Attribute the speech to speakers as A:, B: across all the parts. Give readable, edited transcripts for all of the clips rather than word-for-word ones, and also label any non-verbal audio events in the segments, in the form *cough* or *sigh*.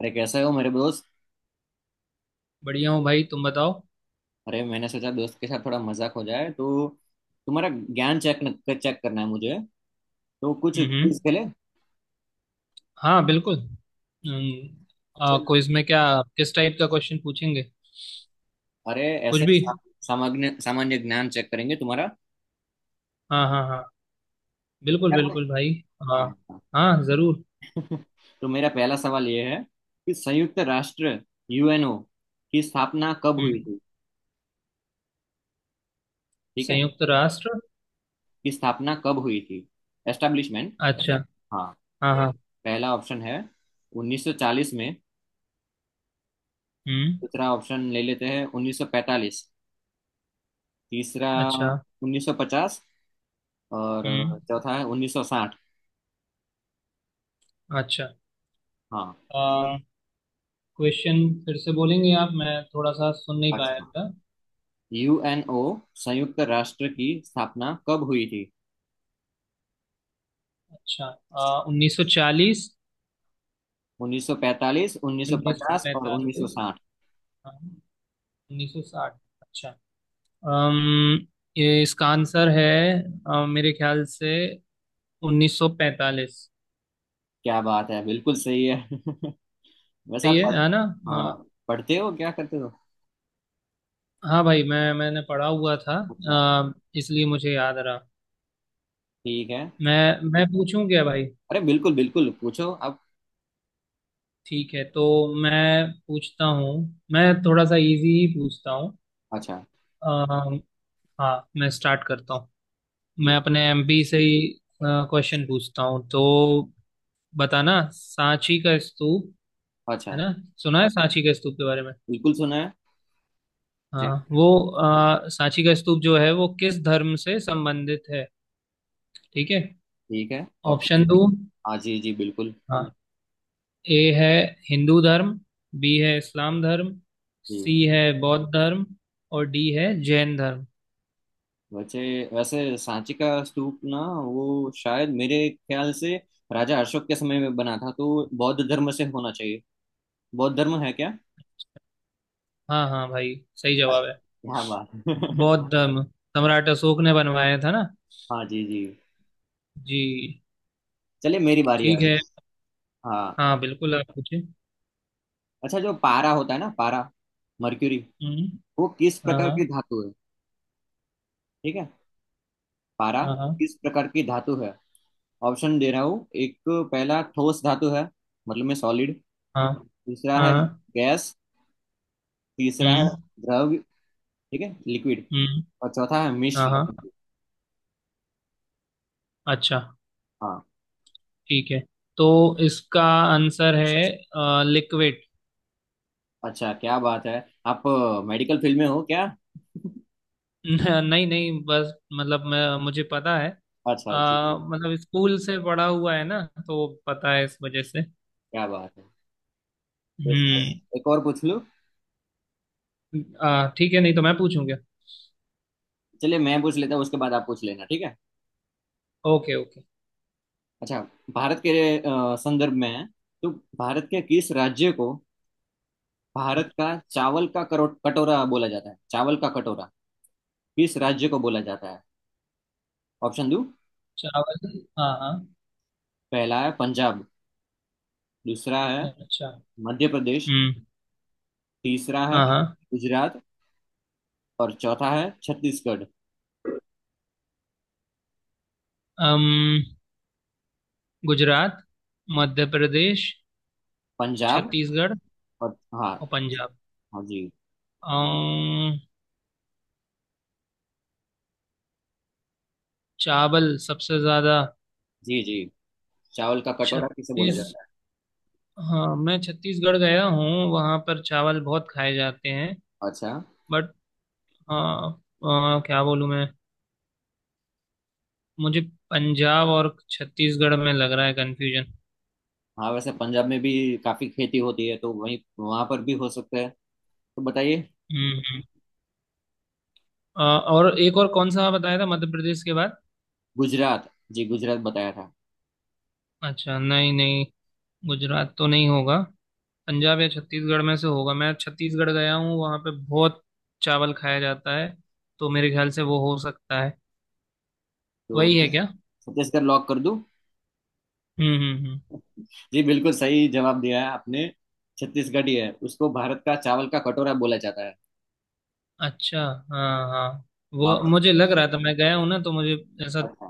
A: अरे कैसे हो मेरे दोस्त।
B: बढ़िया हूँ भाई तुम बताओ।
A: अरे मैंने सोचा दोस्त के साथ थोड़ा मजाक हो जाए, तो तुम्हारा ज्ञान चेक चेक करना है मुझे, तो कुछ
B: हम्म।
A: क्विज खेले।
B: हाँ बिल्कुल। हम्म,
A: चल।
B: क्विज में क्या, किस टाइप का क्वेश्चन पूछेंगे?
A: अरे
B: कुछ
A: ऐसे
B: भी।
A: सा- सामान्य सामान्य ज्ञान चेक करेंगे तुम्हारा।
B: हाँ हाँ हाँ।
A: तो
B: बिल्कुल
A: तैयार हो?
B: बिल्कुल भाई। हाँ।
A: हाँ,
B: हाँ जरूर।
A: *laughs* हाँ। तो मेरा पहला सवाल ये है कि संयुक्त राष्ट्र, यूएनओ की स्थापना कब हुई
B: हम्म
A: थी? ठीक है,
B: संयुक्त राष्ट्र।
A: की स्थापना कब हुई थी, एस्टेब्लिशमेंट।
B: अच्छा।
A: हाँ।
B: हाँ हाँ।
A: पहला ऑप्शन है 1940 में,
B: हम्म।
A: दूसरा ऑप्शन ले लेते हैं 1945, तीसरा
B: अच्छा।
A: 1950, और
B: हम्म।
A: चौथा है 1960।
B: अच्छा।
A: हाँ।
B: आ, क्वेश्चन फिर से बोलेंगे आप, मैं थोड़ा सा सुन नहीं
A: अच्छा,
B: पाया था।
A: यूएनओ, संयुक्त राष्ट्र की स्थापना कब हुई थी?
B: अच्छा। 1940,
A: 1945, 1950 और
B: 1945,
A: 1960।
B: हाँ, 1960। अम, ये इसका आंसर है। मेरे ख्याल से 1945।
A: क्या बात है, बिल्कुल सही है। *laughs* वैसे
B: सही
A: आप
B: है ना? हाँ
A: हाँ, पढ़ते हो, क्या करते हो?
B: हाँ भाई, मैंने पढ़ा हुआ था।
A: अच्छा।
B: अम, इसलिए मुझे याद रहा।
A: ठीक है।
B: मैं मैं पूछूं क्या भाई?
A: अरे बिल्कुल बिल्कुल पूछो आप।
B: ठीक है तो मैं पूछता हूँ। मैं थोड़ा सा इजी ही पूछता हूँ।
A: अच्छा
B: अम, हाँ मैं स्टार्ट करता हूँ।
A: जी।
B: मैं अपने MP से ही क्वेश्चन पूछता हूँ, तो बताना सांची का स्तूप, है
A: अच्छा।
B: ना, सुना है सांची के स्तूप के बारे में।
A: बिल्कुल सुना है। जी।
B: हाँ वो सांची का स्तूप जो है वो किस धर्म से संबंधित है? ठीक है।
A: ठीक है।
B: Option
A: option.
B: दो।
A: हाँ जी जी बिल्कुल।
B: हाँ। ए है हिंदू धर्म। बी है इस्लाम धर्म।
A: जी।
B: सी है बौद्ध धर्म। और डी है जैन धर्म।
A: वैसे वैसे सांची का स्तूप ना वो शायद मेरे ख्याल से राजा अशोक के समय में बना था, तो बौद्ध धर्म से होना चाहिए। बौद्ध धर्म है क्या?
B: हाँ हाँ भाई सही जवाब है।
A: क्या बात।
B: बौद्ध
A: *laughs*
B: धर्म, सम्राट अशोक ने बनवाया था ना।
A: हाँ जी जी।
B: जी।
A: चलिए मेरी बारी आ
B: ठीक है।
A: गई। हाँ।
B: हाँ बिल्कुल आप पूछिए।
A: अच्छा, जो पारा होता है ना, पारा, मर्क्यूरी,
B: हम्म।
A: वो किस प्रकार की
B: हाँ
A: धातु है? ठीक है। पारा
B: हाँ हाँ
A: किस प्रकार की धातु है? ऑप्शन दे रहा हूँ एक, पहला ठोस धातु है मतलब में सॉलिड।
B: हाँ
A: दूसरा
B: हाँ।
A: है
B: हाँ।
A: गैस। तीसरा है
B: हम्म
A: द्रव, ठीक है लिक्विड।
B: हम्म।
A: और चौथा है
B: हाँ
A: मिश्र।
B: हाँ। अच्छा।
A: हाँ।
B: ठीक है तो इसका आंसर है लिक्विड।
A: अच्छा क्या बात है, आप मेडिकल फील्ड में हो क्या?
B: *laughs* नहीं नहीं, बस मतलब मैं मुझे पता है।
A: अच्छा जी जी,
B: मतलब स्कूल से पढ़ा हुआ है ना, तो पता है इस वजह से।
A: क्या बात है। वैसे
B: हम्म
A: एक और पूछ लूँ?
B: ठीक है, नहीं तो मैं पूछूंगा।
A: चलिए, मैं पूछ लेता हूँ, उसके बाद आप पूछ लेना, ठीक है।
B: Okay okay.
A: अच्छा। भारत के संदर्भ में है, तो भारत के किस राज्य को, भारत का चावल का करो कटोरा बोला जाता है? चावल का कटोरा किस राज्य को बोला जाता है? ऑप्शन दो।
B: चावल हाँ हाँ।
A: पहला है पंजाब। दूसरा है
B: अच्छा।
A: मध्य प्रदेश।
B: हम्म।
A: तीसरा है
B: हाँ हाँ।
A: गुजरात। और चौथा है छत्तीसगढ़।
B: अम, गुजरात, मध्य प्रदेश,
A: पंजाब
B: छत्तीसगढ़
A: और हाँ।
B: और पंजाब।
A: हाँ जी
B: अम, चावल सबसे ज्यादा।
A: जी जी। चावल का कटोरा किसे बोला
B: छत्तीस
A: जाता
B: हाँ मैं छत्तीसगढ़ गया हूँ, वहाँ पर चावल बहुत खाए जाते हैं।
A: है? अच्छा।
B: बट हाँ। क्या बोलूँ मैं? मुझे पंजाब और छत्तीसगढ़ में लग रहा है कंफ्यूजन।
A: हाँ, वैसे पंजाब में भी काफी खेती होती है, तो वहीं वहां पर भी हो सकता है। तो बताइए।
B: हम्म हम्म। और एक और कौन सा बताया था मध्य प्रदेश के बाद?
A: गुजरात? जी, गुजरात बताया था।
B: अच्छा नहीं नहीं, गुजरात तो नहीं होगा। पंजाब या छत्तीसगढ़ में से होगा। मैं छत्तीसगढ़ गया हूँ, वहाँ पे बहुत चावल खाया जाता है, तो मेरे ख्याल से वो हो सकता है।
A: तो
B: वही है क्या?
A: छत्तीसगढ़ लॉक कर दूं?
B: हम्म।
A: जी, बिल्कुल सही जवाब दिया है आपने। छत्तीसगढ़ ही है, उसको भारत का चावल का कटोरा बोला जाता है।
B: अच्छा। हाँ हाँ।
A: वहां
B: वो
A: पर।
B: मुझे लग रहा था, मैं गया हूँ ना तो मुझे ऐसा
A: अच्छा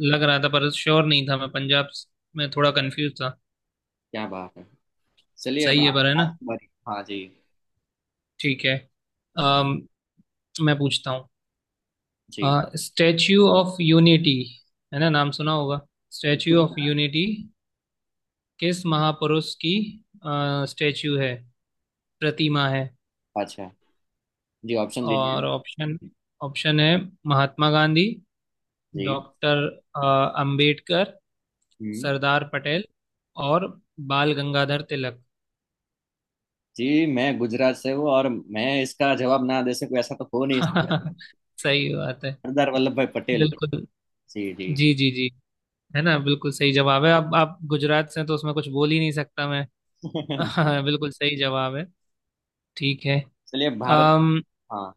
B: लग रहा था, पर श्योर नहीं था। मैं पंजाब में थोड़ा कंफ्यूज था।
A: क्या बात है। चलिए अब,
B: सही है पर, है ना?
A: आप- हाँ जी
B: ठीक है। अम, मैं पूछता
A: जी।
B: हूँ स्टैच्यू ऑफ यूनिटी, है ना, नाम सुना होगा। स्टैच्यू ऑफ यूनिटी किस महापुरुष की स्टैच्यू है, प्रतिमा है?
A: अच्छा। जी, ऑप्शन दीजिए।
B: और ऑप्शन ऑप्शन है महात्मा गांधी,
A: जी।
B: डॉक्टर अंबेडकर,
A: हम्म।
B: सरदार पटेल, और बाल गंगाधर तिलक।
A: जी, मैं गुजरात से हूँ और मैं इसका जवाब ना दे सकूँ, ऐसा तो हो नहीं सकता।
B: *laughs* सही बात है।
A: सरदार वल्लभ भाई पटेल।
B: बिल्कुल।
A: जी जी।
B: जी जी जी। है ना, बिल्कुल सही जवाब है। अब आप गुजरात से हैं, तो उसमें कुछ बोल ही नहीं सकता मैं। *laughs*
A: *laughs*
B: हाँ, बिल्कुल सही जवाब है। ठीक है।
A: चलिए भारत,
B: अम
A: हाँ,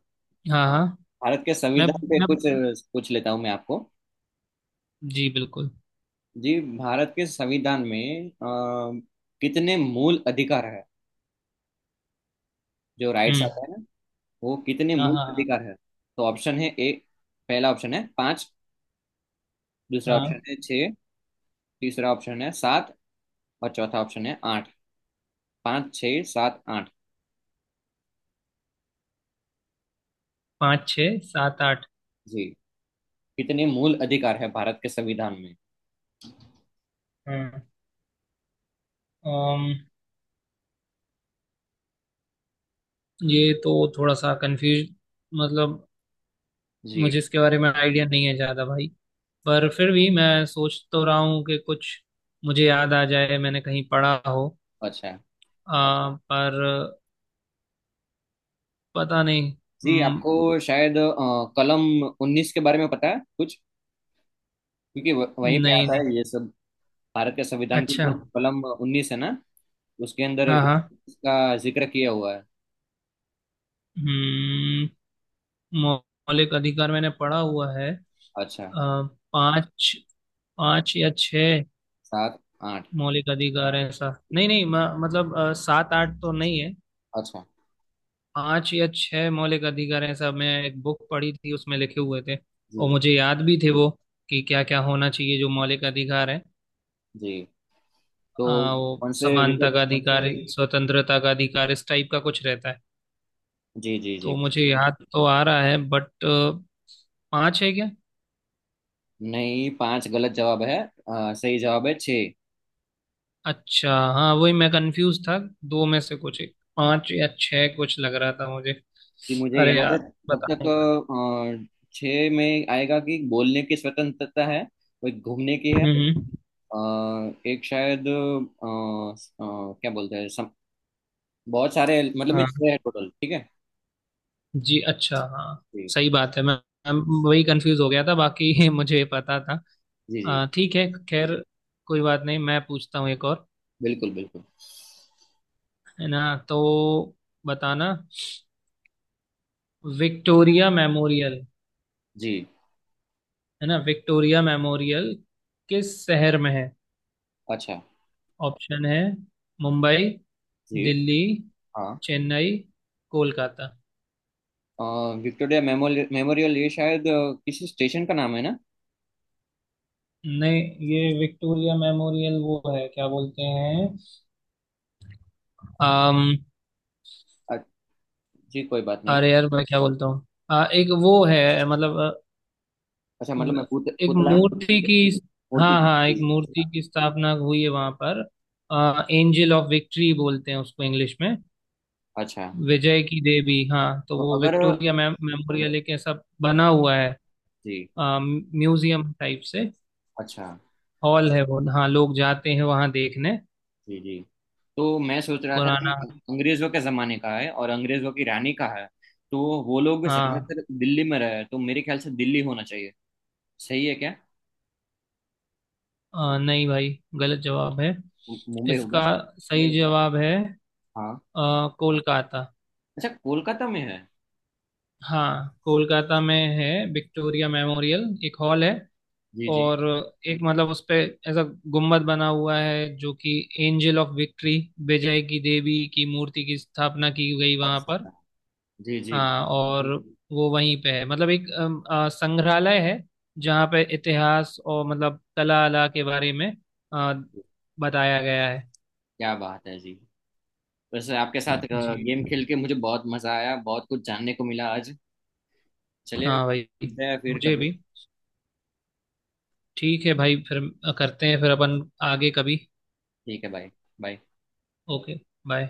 B: हाँ हाँ।
A: भारत के
B: मैं
A: संविधान पे
B: मैं
A: कुछ पूछ लेता हूँ मैं आपको।
B: जी बिल्कुल।
A: जी, भारत के संविधान में कितने मूल अधिकार है, जो राइट्स
B: हम्म।
A: आता है ना, वो कितने
B: हाँ
A: मूल
B: हाँ
A: अधिकार है? तो ऑप्शन है ए। पहला ऑप्शन है पाँच। दूसरा ऑप्शन
B: हाँ।
A: है छः। तीसरा ऑप्शन है सात। और चौथा ऑप्शन है आठ। पाँच छः सात आठ।
B: पाँच छः सात आठ।
A: जी। कितने मूल अधिकार है भारत के संविधान में?
B: हाँ। अम ये तो थोड़ा सा कंफ्यूज, मतलब
A: जी
B: मुझे इसके बारे में आइडिया नहीं है ज़्यादा भाई। पर फिर भी मैं सोच तो रहा हूँ कि कुछ मुझे याद आ जाए, मैंने कहीं पढ़ा हो।
A: अच्छा।
B: पर पता नहीं।
A: जी,
B: हम्म।
A: आपको शायद कलम 19 के बारे में पता है कुछ, क्योंकि वहीं
B: नहीं
A: पे आता
B: नहीं।
A: है ये सब। भारत के संविधान की
B: अच्छा।
A: जो कलम 19 है ना, उसके अंदर
B: हाँ हाँ।
A: इसका जिक्र किया हुआ है।
B: हम्म, मौलिक अधिकार मैंने पढ़ा हुआ है।
A: अच्छा।
B: आ, पाँच पाँच या छह
A: सात आठ।
B: मौलिक अधिकार है ऐसा, नहीं नहीं। मतलब सात आठ तो नहीं है।
A: अच्छा
B: पांच या छह मौलिक अधिकार हैं ऐसा। मैं एक बुक पढ़ी थी, उसमें लिखे हुए थे
A: जी
B: और
A: जी
B: मुझे याद भी थे वो, कि क्या क्या होना चाहिए जो मौलिक अधिकार है।
A: जी। तो
B: वो
A: कौन से
B: समानता का
A: विकल्प?
B: अधिकार, स्वतंत्रता का अधिकार, इस टाइप का कुछ रहता है।
A: जी जी
B: तो
A: जी।
B: मुझे याद तो आ रहा है बट, पांच है क्या?
A: नहीं, पांच गलत जवाब है। सही जवाब है छः।
B: अच्छा हाँ, वही मैं कंफ्यूज था। दो में से कुछ एक, पांच या छह कुछ लग रहा था मुझे।
A: जी, मुझे
B: अरे
A: याद है।
B: यार,
A: तब
B: बता
A: तक
B: नहीं पा।
A: अ, छः में आएगा कि बोलने की स्वतंत्रता है और घूमने की है।
B: हम्म हम्म।
A: अ, एक शायद क्या बोलते हैं, बहुत सारे, मतलब में
B: हाँ।
A: छह है टोटल। ठीक है।
B: जी, अच्छा हाँ,
A: जी
B: सही बात है। मैं वही कंफ्यूज हो गया था, बाकी *laughs* मुझे पता था।
A: जी जी।
B: ठीक है, खैर कोई बात नहीं। मैं पूछता हूँ एक और,
A: बिल्कुल बिल्कुल।
B: है ना? तो बताना विक्टोरिया मेमोरियल,
A: जी।
B: है ना, विक्टोरिया मेमोरियल किस शहर में है?
A: अच्छा।
B: ऑप्शन है मुंबई,
A: जी
B: दिल्ली,
A: हाँ,
B: चेन्नई, कोलकाता।
A: अ, विक्टोरिया मेमोरियल मेमोरियल ये शायद किसी स्टेशन का नाम है ना?
B: नहीं, ये विक्टोरिया मेमोरियल वो है, क्या बोलते हैं।
A: अ, जी, कोई बात नहीं।
B: अरे यार, मैं क्या बोलता हूँ, एक वो है मतलब
A: अच्छा मतलब मैं
B: एक
A: पुतला,
B: मूर्ति की।
A: मूर्ति
B: हाँ
A: की।
B: हाँ, एक
A: जी
B: मूर्ति की स्थापना हुई है वहां पर। एंजल ऑफ विक्ट्री बोलते हैं उसको इंग्लिश में,
A: अच्छा।
B: विजय की देवी। हाँ तो
A: तो
B: वो
A: अगर,
B: विक्टोरिया मेम,
A: जी
B: मेमोरियल एक ऐसा बना हुआ है।
A: जी।
B: म्यूजियम टाइप से
A: अच्छा
B: हॉल है वो। हाँ लोग जाते हैं वहाँ देखने।
A: जी जी। तो मैं सोच रहा था कि
B: पुराना।
A: अंग्रेजों के जमाने का है और अंग्रेजों की रानी का है, तो वो लोग
B: हाँ।
A: ज्यादातर दिल्ली में रहे, तो मेरे ख्याल से दिल्ली होना चाहिए। सही है क्या?
B: नहीं भाई, गलत जवाब है
A: मुंबई
B: इसका।
A: होगा?
B: सही जवाब है
A: हाँ।
B: कोलकाता।
A: अच्छा, कोलकाता में है।
B: हाँ कोलकाता में है विक्टोरिया मेमोरियल, एक हॉल है।
A: जी जी।
B: और एक मतलब उस पे ऐसा गुम्बद बना हुआ है जो कि एंजल ऑफ विक्ट्री, विजय की देवी की मूर्ति की स्थापना की गई वहां पर।
A: अच्छा जी जी।
B: हाँ, और वो वहीं पे है, मतलब एक संग्रहालय है, जहाँ पे इतिहास और मतलब कला अला के बारे में अ, बताया गया है।
A: क्या बात है जी। वैसे आपके साथ
B: जी।
A: गेम खेल के मुझे बहुत मजा आया, बहुत कुछ जानने को मिला आज। चलिए
B: हाँ भाई,
A: मिलते हैं फिर
B: मुझे
A: कभी।
B: भी। ठीक है भाई, फिर करते हैं फिर अपन आगे कभी।
A: ठीक है, बाय। बाय।
B: ओके। बाय।